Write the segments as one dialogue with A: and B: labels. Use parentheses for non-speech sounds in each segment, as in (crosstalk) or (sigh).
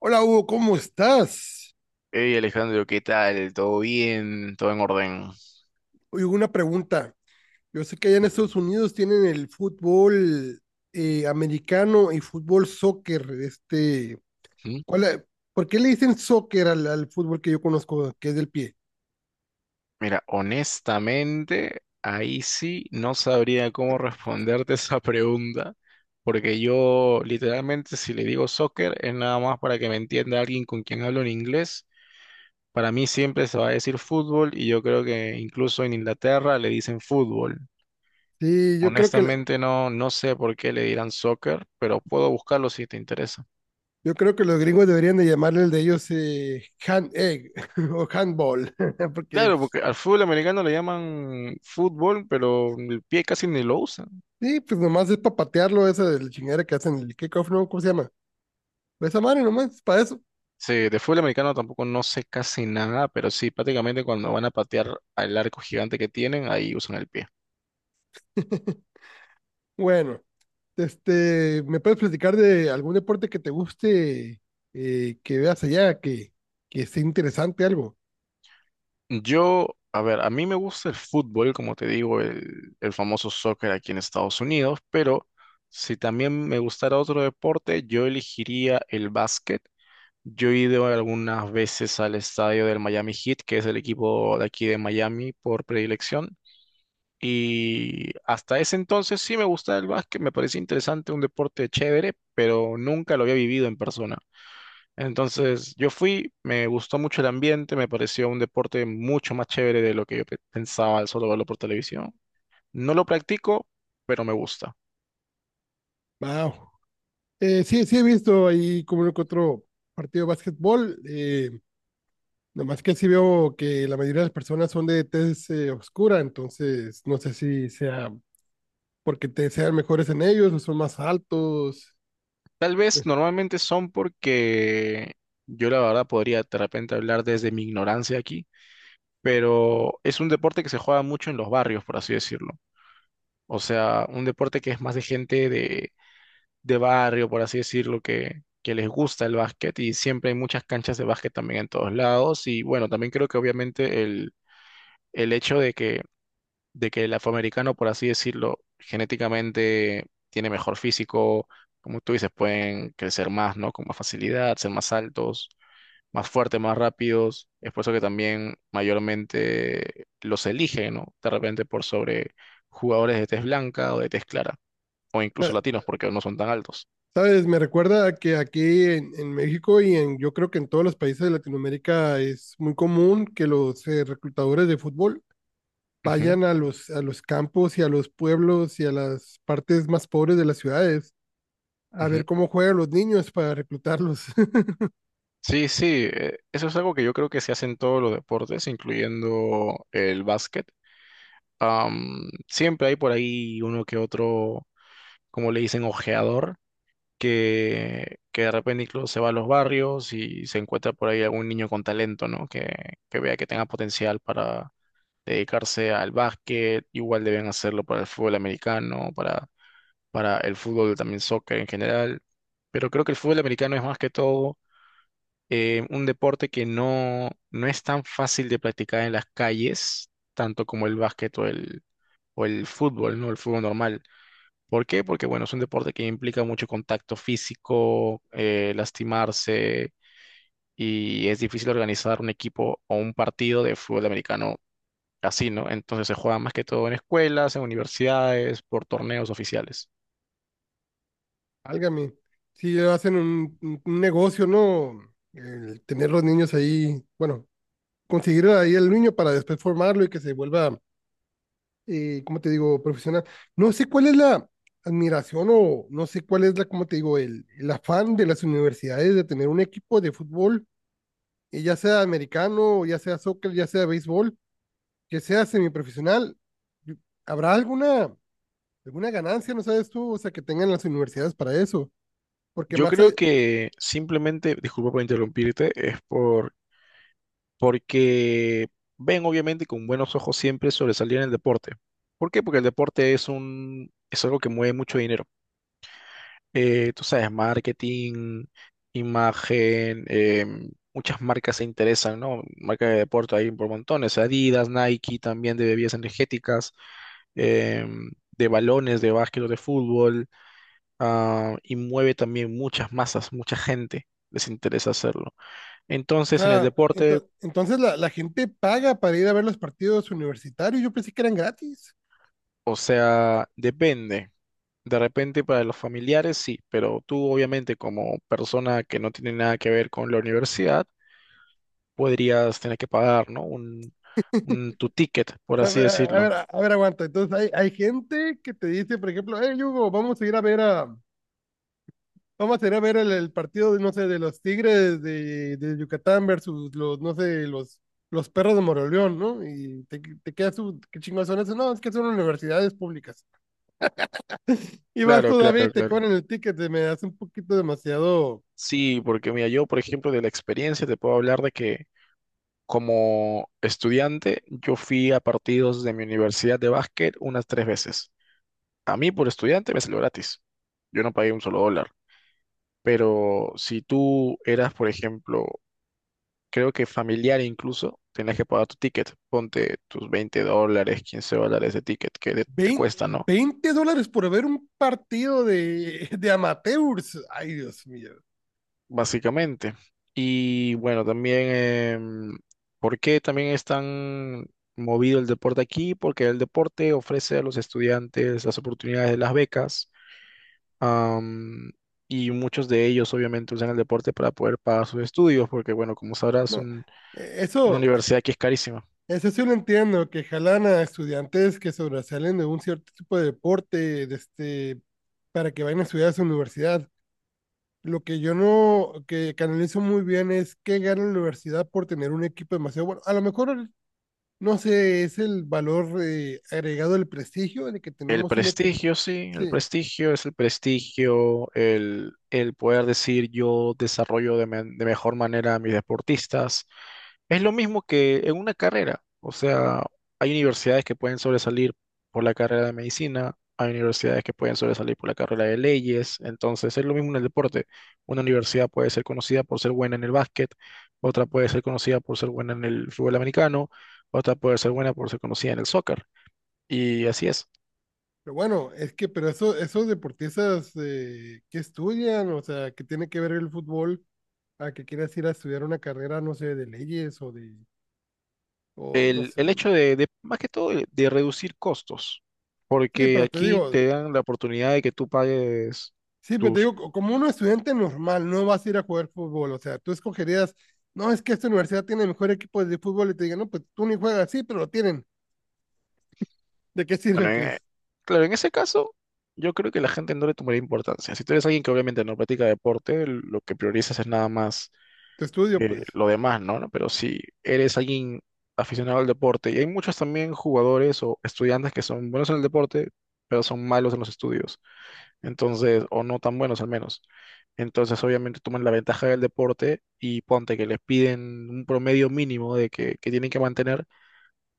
A: Hola Hugo, ¿cómo estás?
B: Hey Alejandro, ¿qué tal? ¿Todo bien? ¿Todo en orden?
A: Oye, Hugo, una pregunta. Yo sé que allá en Estados Unidos tienen el fútbol americano y fútbol soccer.
B: ¿Mm?
A: ¿Cuál, por qué le dicen soccer al fútbol que yo conozco, que es del pie?
B: Mira, honestamente, ahí sí no sabría cómo responderte (laughs) esa pregunta, porque yo literalmente si le digo soccer es nada más para que me entienda alguien con quien hablo en inglés. Para mí siempre se va a decir fútbol y yo creo que incluso en Inglaterra le dicen fútbol.
A: Sí, yo creo que,
B: Honestamente no, no sé por qué le dirán soccer, pero puedo buscarlo si te interesa.
A: yo creo que los gringos deberían de llamarle el de ellos hand egg (laughs) o handball, (laughs) porque
B: Claro,
A: pues,
B: porque al fútbol americano le llaman fútbol, pero el pie casi ni lo usan.
A: sí, pues nomás es para patearlo, esa de la chingadera que hacen el kickoff, ¿no? ¿Cómo se llama? Esa madre nomás, para eso.
B: Sí, de fútbol americano tampoco no sé casi nada, pero sí, prácticamente cuando van a patear al arco gigante que tienen, ahí usan el pie.
A: (laughs) Bueno. ¿Me puedes platicar de algún deporte que te guste, que veas allá, que esté interesante algo?
B: Yo, a ver, a mí me gusta el fútbol, como te digo, el famoso soccer aquí en Estados Unidos, pero si también me gustara otro deporte, yo elegiría el básquet. Yo he ido algunas veces al estadio del Miami Heat, que es el equipo de aquí de Miami por predilección. Y hasta ese entonces sí me gustaba el básquet, me parecía interesante, un deporte chévere, pero nunca lo había vivido en persona. Entonces yo fui, me gustó mucho el ambiente, me pareció un deporte mucho más chévere de lo que yo pensaba al solo verlo por televisión. No lo practico, pero me gusta.
A: Wow. Sí, sí he visto ahí como uno que otro partido de básquetbol, nomás que sí veo que la mayoría de las personas son de tez oscura, entonces no sé si sea porque te sean mejores en ellos o son más altos.
B: Tal
A: Eh,
B: vez normalmente son porque yo la verdad podría de repente hablar desde mi ignorancia aquí, pero es un deporte que se juega mucho en los barrios, por así decirlo. O sea, un deporte que es más de gente de barrio, por así decirlo, que les gusta el básquet y siempre hay muchas canchas de básquet también en todos lados. Y bueno, también creo que obviamente el hecho de que el afroamericano, por así decirlo, genéticamente tiene mejor físico, como tú dices, pueden crecer más, ¿no? Con más facilidad, ser más altos, más fuertes, más rápidos. Es por eso que también mayormente los eligen, ¿no? De repente por sobre jugadores de tez blanca o de tez clara o incluso
A: eh,
B: latinos, porque no son tan altos.
A: Sabes, me recuerda a que aquí en México y yo creo que en todos los países de Latinoamérica es muy común que los reclutadores de fútbol
B: Ujú,
A: vayan a los campos y a los pueblos y a las partes más pobres de las ciudades a
B: ujú.
A: ver cómo juegan los niños para reclutarlos. (laughs)
B: Sí, sí, eso es algo que yo creo que se hace en todos los deportes, incluyendo el básquet. Siempre hay por ahí uno que otro, como le dicen, ojeador, que de repente incluso se va a los barrios y se encuentra por ahí algún niño con talento, ¿no? Que vea que tenga potencial para dedicarse al básquet, igual deben hacerlo para el fútbol americano, para el fútbol, también soccer en general, pero creo que el fútbol americano es más que todo un deporte que no, no es tan fácil de practicar en las calles, tanto como el básquet o el fútbol, ¿no? El fútbol normal. ¿Por qué? Porque, bueno, es un deporte que implica mucho contacto físico, lastimarse, y es difícil organizar un equipo o un partido de fútbol americano así, ¿no? Entonces se juega más que todo en escuelas, en universidades, por torneos oficiales.
A: Álgame, si hacen un negocio, ¿no? El tener los niños ahí, bueno, conseguir ahí el niño para después formarlo y que se vuelva ¿cómo te digo?, profesional. No sé cuál es la admiración o no sé cuál es la, ¿cómo te digo?, el afán de las universidades de tener un equipo de fútbol, ya sea americano, ya sea soccer, ya sea béisbol, que sea semiprofesional. ¿Habrá alguna ganancia, no sabes tú, o sea, que tengan las universidades para eso? Porque
B: Yo creo que simplemente, disculpa por interrumpirte, es porque ven obviamente con buenos ojos siempre sobresalir en el deporte. ¿Por qué? Porque el deporte es algo que mueve mucho dinero. Tú sabes, marketing, imagen, muchas marcas se interesan, ¿no? Marcas de deporte hay por montones, Adidas, Nike, también de bebidas energéticas, em, de balones, de básquet o de fútbol ah, y mueve también muchas masas, mucha gente les interesa hacerlo.
A: o
B: Entonces, en el
A: sea,
B: deporte,
A: entonces la gente paga para ir a ver los partidos universitarios. Yo pensé que eran gratis.
B: o sea, depende. De repente para los familiares sí, pero tú obviamente como persona que no tiene nada que ver con la universidad, podrías tener que pagar, ¿no? Tu ticket, por
A: A
B: así
A: ver, a
B: decirlo.
A: ver, a ver, aguanta. Entonces hay gente que te dice, por ejemplo, hey Hugo, vamos a ir a ver el partido, no sé, de los Tigres de Yucatán versus los, no sé, los perros de Moroleón, ¿no? Y te quedas, ¿qué chingados son eso? No, es que son universidades públicas. Y vas
B: Claro,
A: todavía y
B: claro,
A: te
B: claro.
A: cobran el ticket, se me hace un poquito demasiado.
B: Sí, porque mira, yo por ejemplo de la experiencia te puedo hablar de que como estudiante yo fui a partidos de mi universidad de básquet unas tres veces. A mí por estudiante me salió gratis. Yo no pagué un solo dólar. Pero si tú eras, por ejemplo, creo que familiar incluso, tenías que pagar tu ticket. Ponte tus $20, $15 de ticket que te
A: Veinte
B: cuesta, ¿no?
A: $20 por ver un partido de, (laughs) de amateurs. Ay, Dios mío.
B: Básicamente. Y bueno, también, em, ¿por qué también es tan movido el deporte aquí? Porque el deporte ofrece a los estudiantes las oportunidades de las becas. Am, y muchos de ellos obviamente usan el deporte para poder pagar sus estudios, porque bueno, como sabrás,
A: No,
B: una
A: eso.
B: universidad que es carísima.
A: Eso sí lo entiendo, que jalan a estudiantes que sobresalen de un cierto tipo de deporte, para que vayan a estudiar a su universidad. Lo que yo no, que canalizo muy bien es que gana la universidad por tener un equipo demasiado bueno. A lo mejor, no sé, es el valor agregado del prestigio de que
B: El
A: tenemos un equipo.
B: prestigio, sí, el
A: Sí,
B: prestigio es el prestigio, el poder decir yo desarrollo de mejor manera a mis deportistas. Es lo mismo que en una carrera, o sea, hay universidades que pueden sobresalir por la carrera de medicina, hay universidades que pueden sobresalir por la carrera de leyes, entonces es lo mismo en el deporte. Una universidad puede ser conocida por ser buena en el básquet, otra puede ser conocida por ser buena en el fútbol americano, otra puede ser buena por ser conocida en el soccer, y así es.
A: pero bueno, es que, pero eso, esos deportistas que estudian, o sea, que tiene que ver el fútbol, a que quieras ir a estudiar una carrera, no sé, de leyes o de, o no
B: El,
A: sé,
B: el hecho de, más que todo, de reducir costos,
A: Sí,
B: porque
A: pero te
B: aquí
A: digo,
B: te dan la oportunidad de que tú pagues.
A: sí, pero te digo, como un estudiante normal, no vas a ir a jugar fútbol, o sea, tú escogerías, no, es que esta universidad tiene el mejor equipo de fútbol y te digan, no, pues tú ni juegas, sí, pero lo tienen, ¿de qué sirve,
B: Bueno,
A: pues?
B: claro, en ese caso, yo creo que la gente no le tomaría importancia. Si tú eres alguien que obviamente no practica deporte, lo que priorizas es nada más
A: Tu estudio, pues,
B: lo demás, ¿no? ¿no? Pero si eres alguien aficionado al deporte, y hay muchos también jugadores o estudiantes que son buenos en el deporte, pero son malos en los estudios, entonces, o no tan buenos al menos. Entonces, obviamente, toman la ventaja del deporte y ponte que les piden un promedio mínimo de que tienen que mantener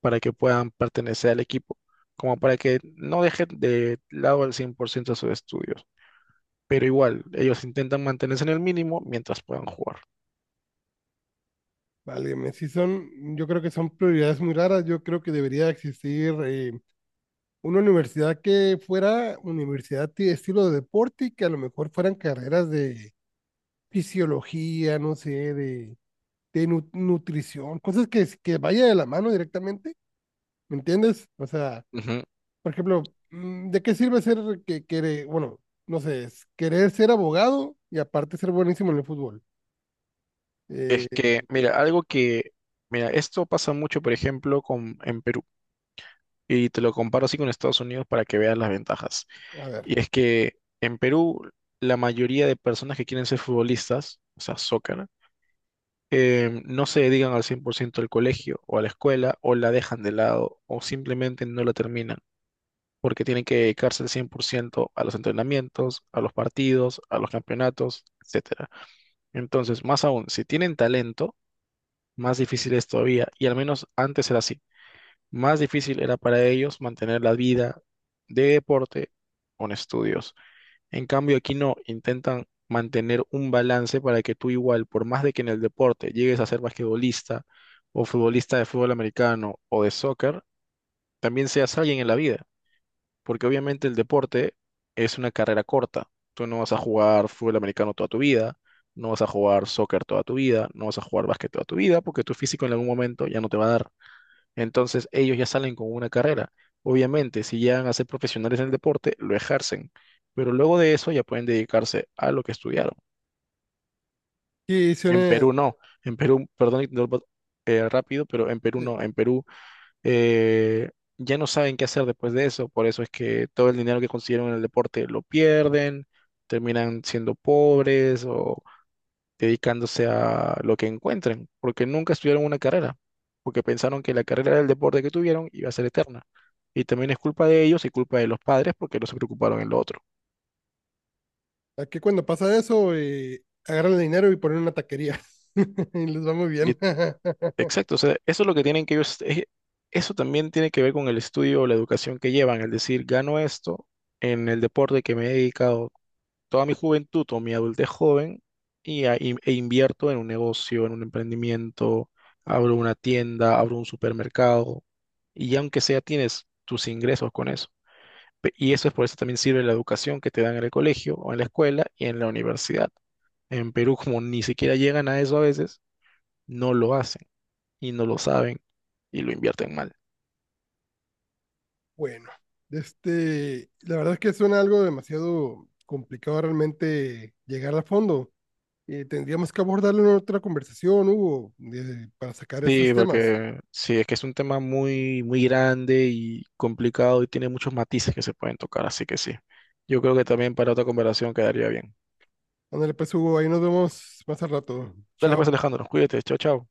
B: para que puedan pertenecer al equipo, como para que no dejen de lado al 100% sus estudios. Pero igual, ellos intentan mantenerse en el mínimo mientras puedan jugar.
A: válgame, sí son, yo creo que son prioridades muy raras, yo creo que debería existir una universidad que fuera universidad de estilo de deporte y que a lo mejor fueran carreras de fisiología, no sé, de nutrición, cosas que vaya de la mano directamente. ¿Me entiendes? O sea,
B: Ujú.
A: por ejemplo, ¿de qué sirve ser que quiere, bueno, no sé, es querer ser abogado y aparte ser buenísimo en el fútbol? Eh,
B: Es que, mira, algo que, mira, esto pasa mucho, por ejemplo, en Perú, y te lo comparo así con Estados Unidos para que veas las ventajas.
A: a ver,
B: Y es que en Perú, la mayoría de personas que quieren ser futbolistas, o sea, soccer, no se dedican al 100% al colegio o a la escuela, o la dejan de lado, o simplemente no la terminan. Porque tienen que dedicarse al 100% a los entrenamientos, a los partidos, a los campeonatos, etcétera. Entonces, más aún, si tienen talento, más difícil es todavía, y al menos antes era así, más difícil era para ellos mantener la vida de deporte con estudios. En cambio, aquí no, intentan mantener un balance para que tú igual, por más de que en el deporte llegues a ser basquetbolista o futbolista de fútbol americano o de soccer, también seas alguien en la vida porque obviamente el deporte es una carrera corta. Tú no vas a jugar fútbol americano toda tu vida, no vas a jugar soccer toda tu vida, no vas a jugar básquet toda tu vida, porque tu físico en algún momento ya no te va a dar. Entonces ellos ya salen con una carrera. Obviamente, si llegan a ser profesionales en el deporte, lo ejercen, pero luego de eso ya pueden dedicarse a lo que estudiaron.
A: y
B: En
A: suena,
B: Perú no, en Perú, perdón, interrumpo, rápido, pero en Perú
A: sí,
B: no, en Perú eh, ya no saben qué hacer después de eso, por eso es que todo el dinero que consiguieron en el deporte lo pierden, terminan siendo pobres o dedicándose a lo que encuentren, porque nunca estudiaron una carrera, porque pensaron que la carrera del deporte que tuvieron iba a ser eterna. Y también es culpa de ellos y culpa de los padres porque no se preocuparon en lo otro.
A: aquí cuando pasa eso, agarran el dinero y ponen una taquería (laughs) y les va muy bien.
B: Lit-
A: (laughs)
B: Exacto, o sea, eso es lo que tienen que ellos, eso también tiene que ver con el estudio o la educación que llevan, es decir, gano esto en el deporte que me he dedicado toda mi juventud o mi adultez joven e invierto en un negocio, en un emprendimiento, abro una tienda, abro un supermercado y aunque sea tienes tus ingresos con eso. Y eso es por eso también sirve la educación que te dan en el colegio o en la escuela y en la universidad. En Perú, como ni siquiera llegan a eso a veces, no lo hacen y no lo saben y lo invierten mal.
A: Bueno, este, la verdad es que suena algo demasiado complicado realmente llegar a fondo. Tendríamos que abordarlo en otra conversación, Hugo, para sacar esos
B: Sí,
A: temas.
B: porque sí, es que es un tema muy, muy grande y complicado y tiene muchos matices que se pueden tocar, así que sí. Yo creo que también para otra conversación quedaría bien.
A: Ándale, pues Hugo, ahí nos vemos más al rato.
B: Dale
A: Chao.
B: pues, Alejandro, cuídate, chao, chao.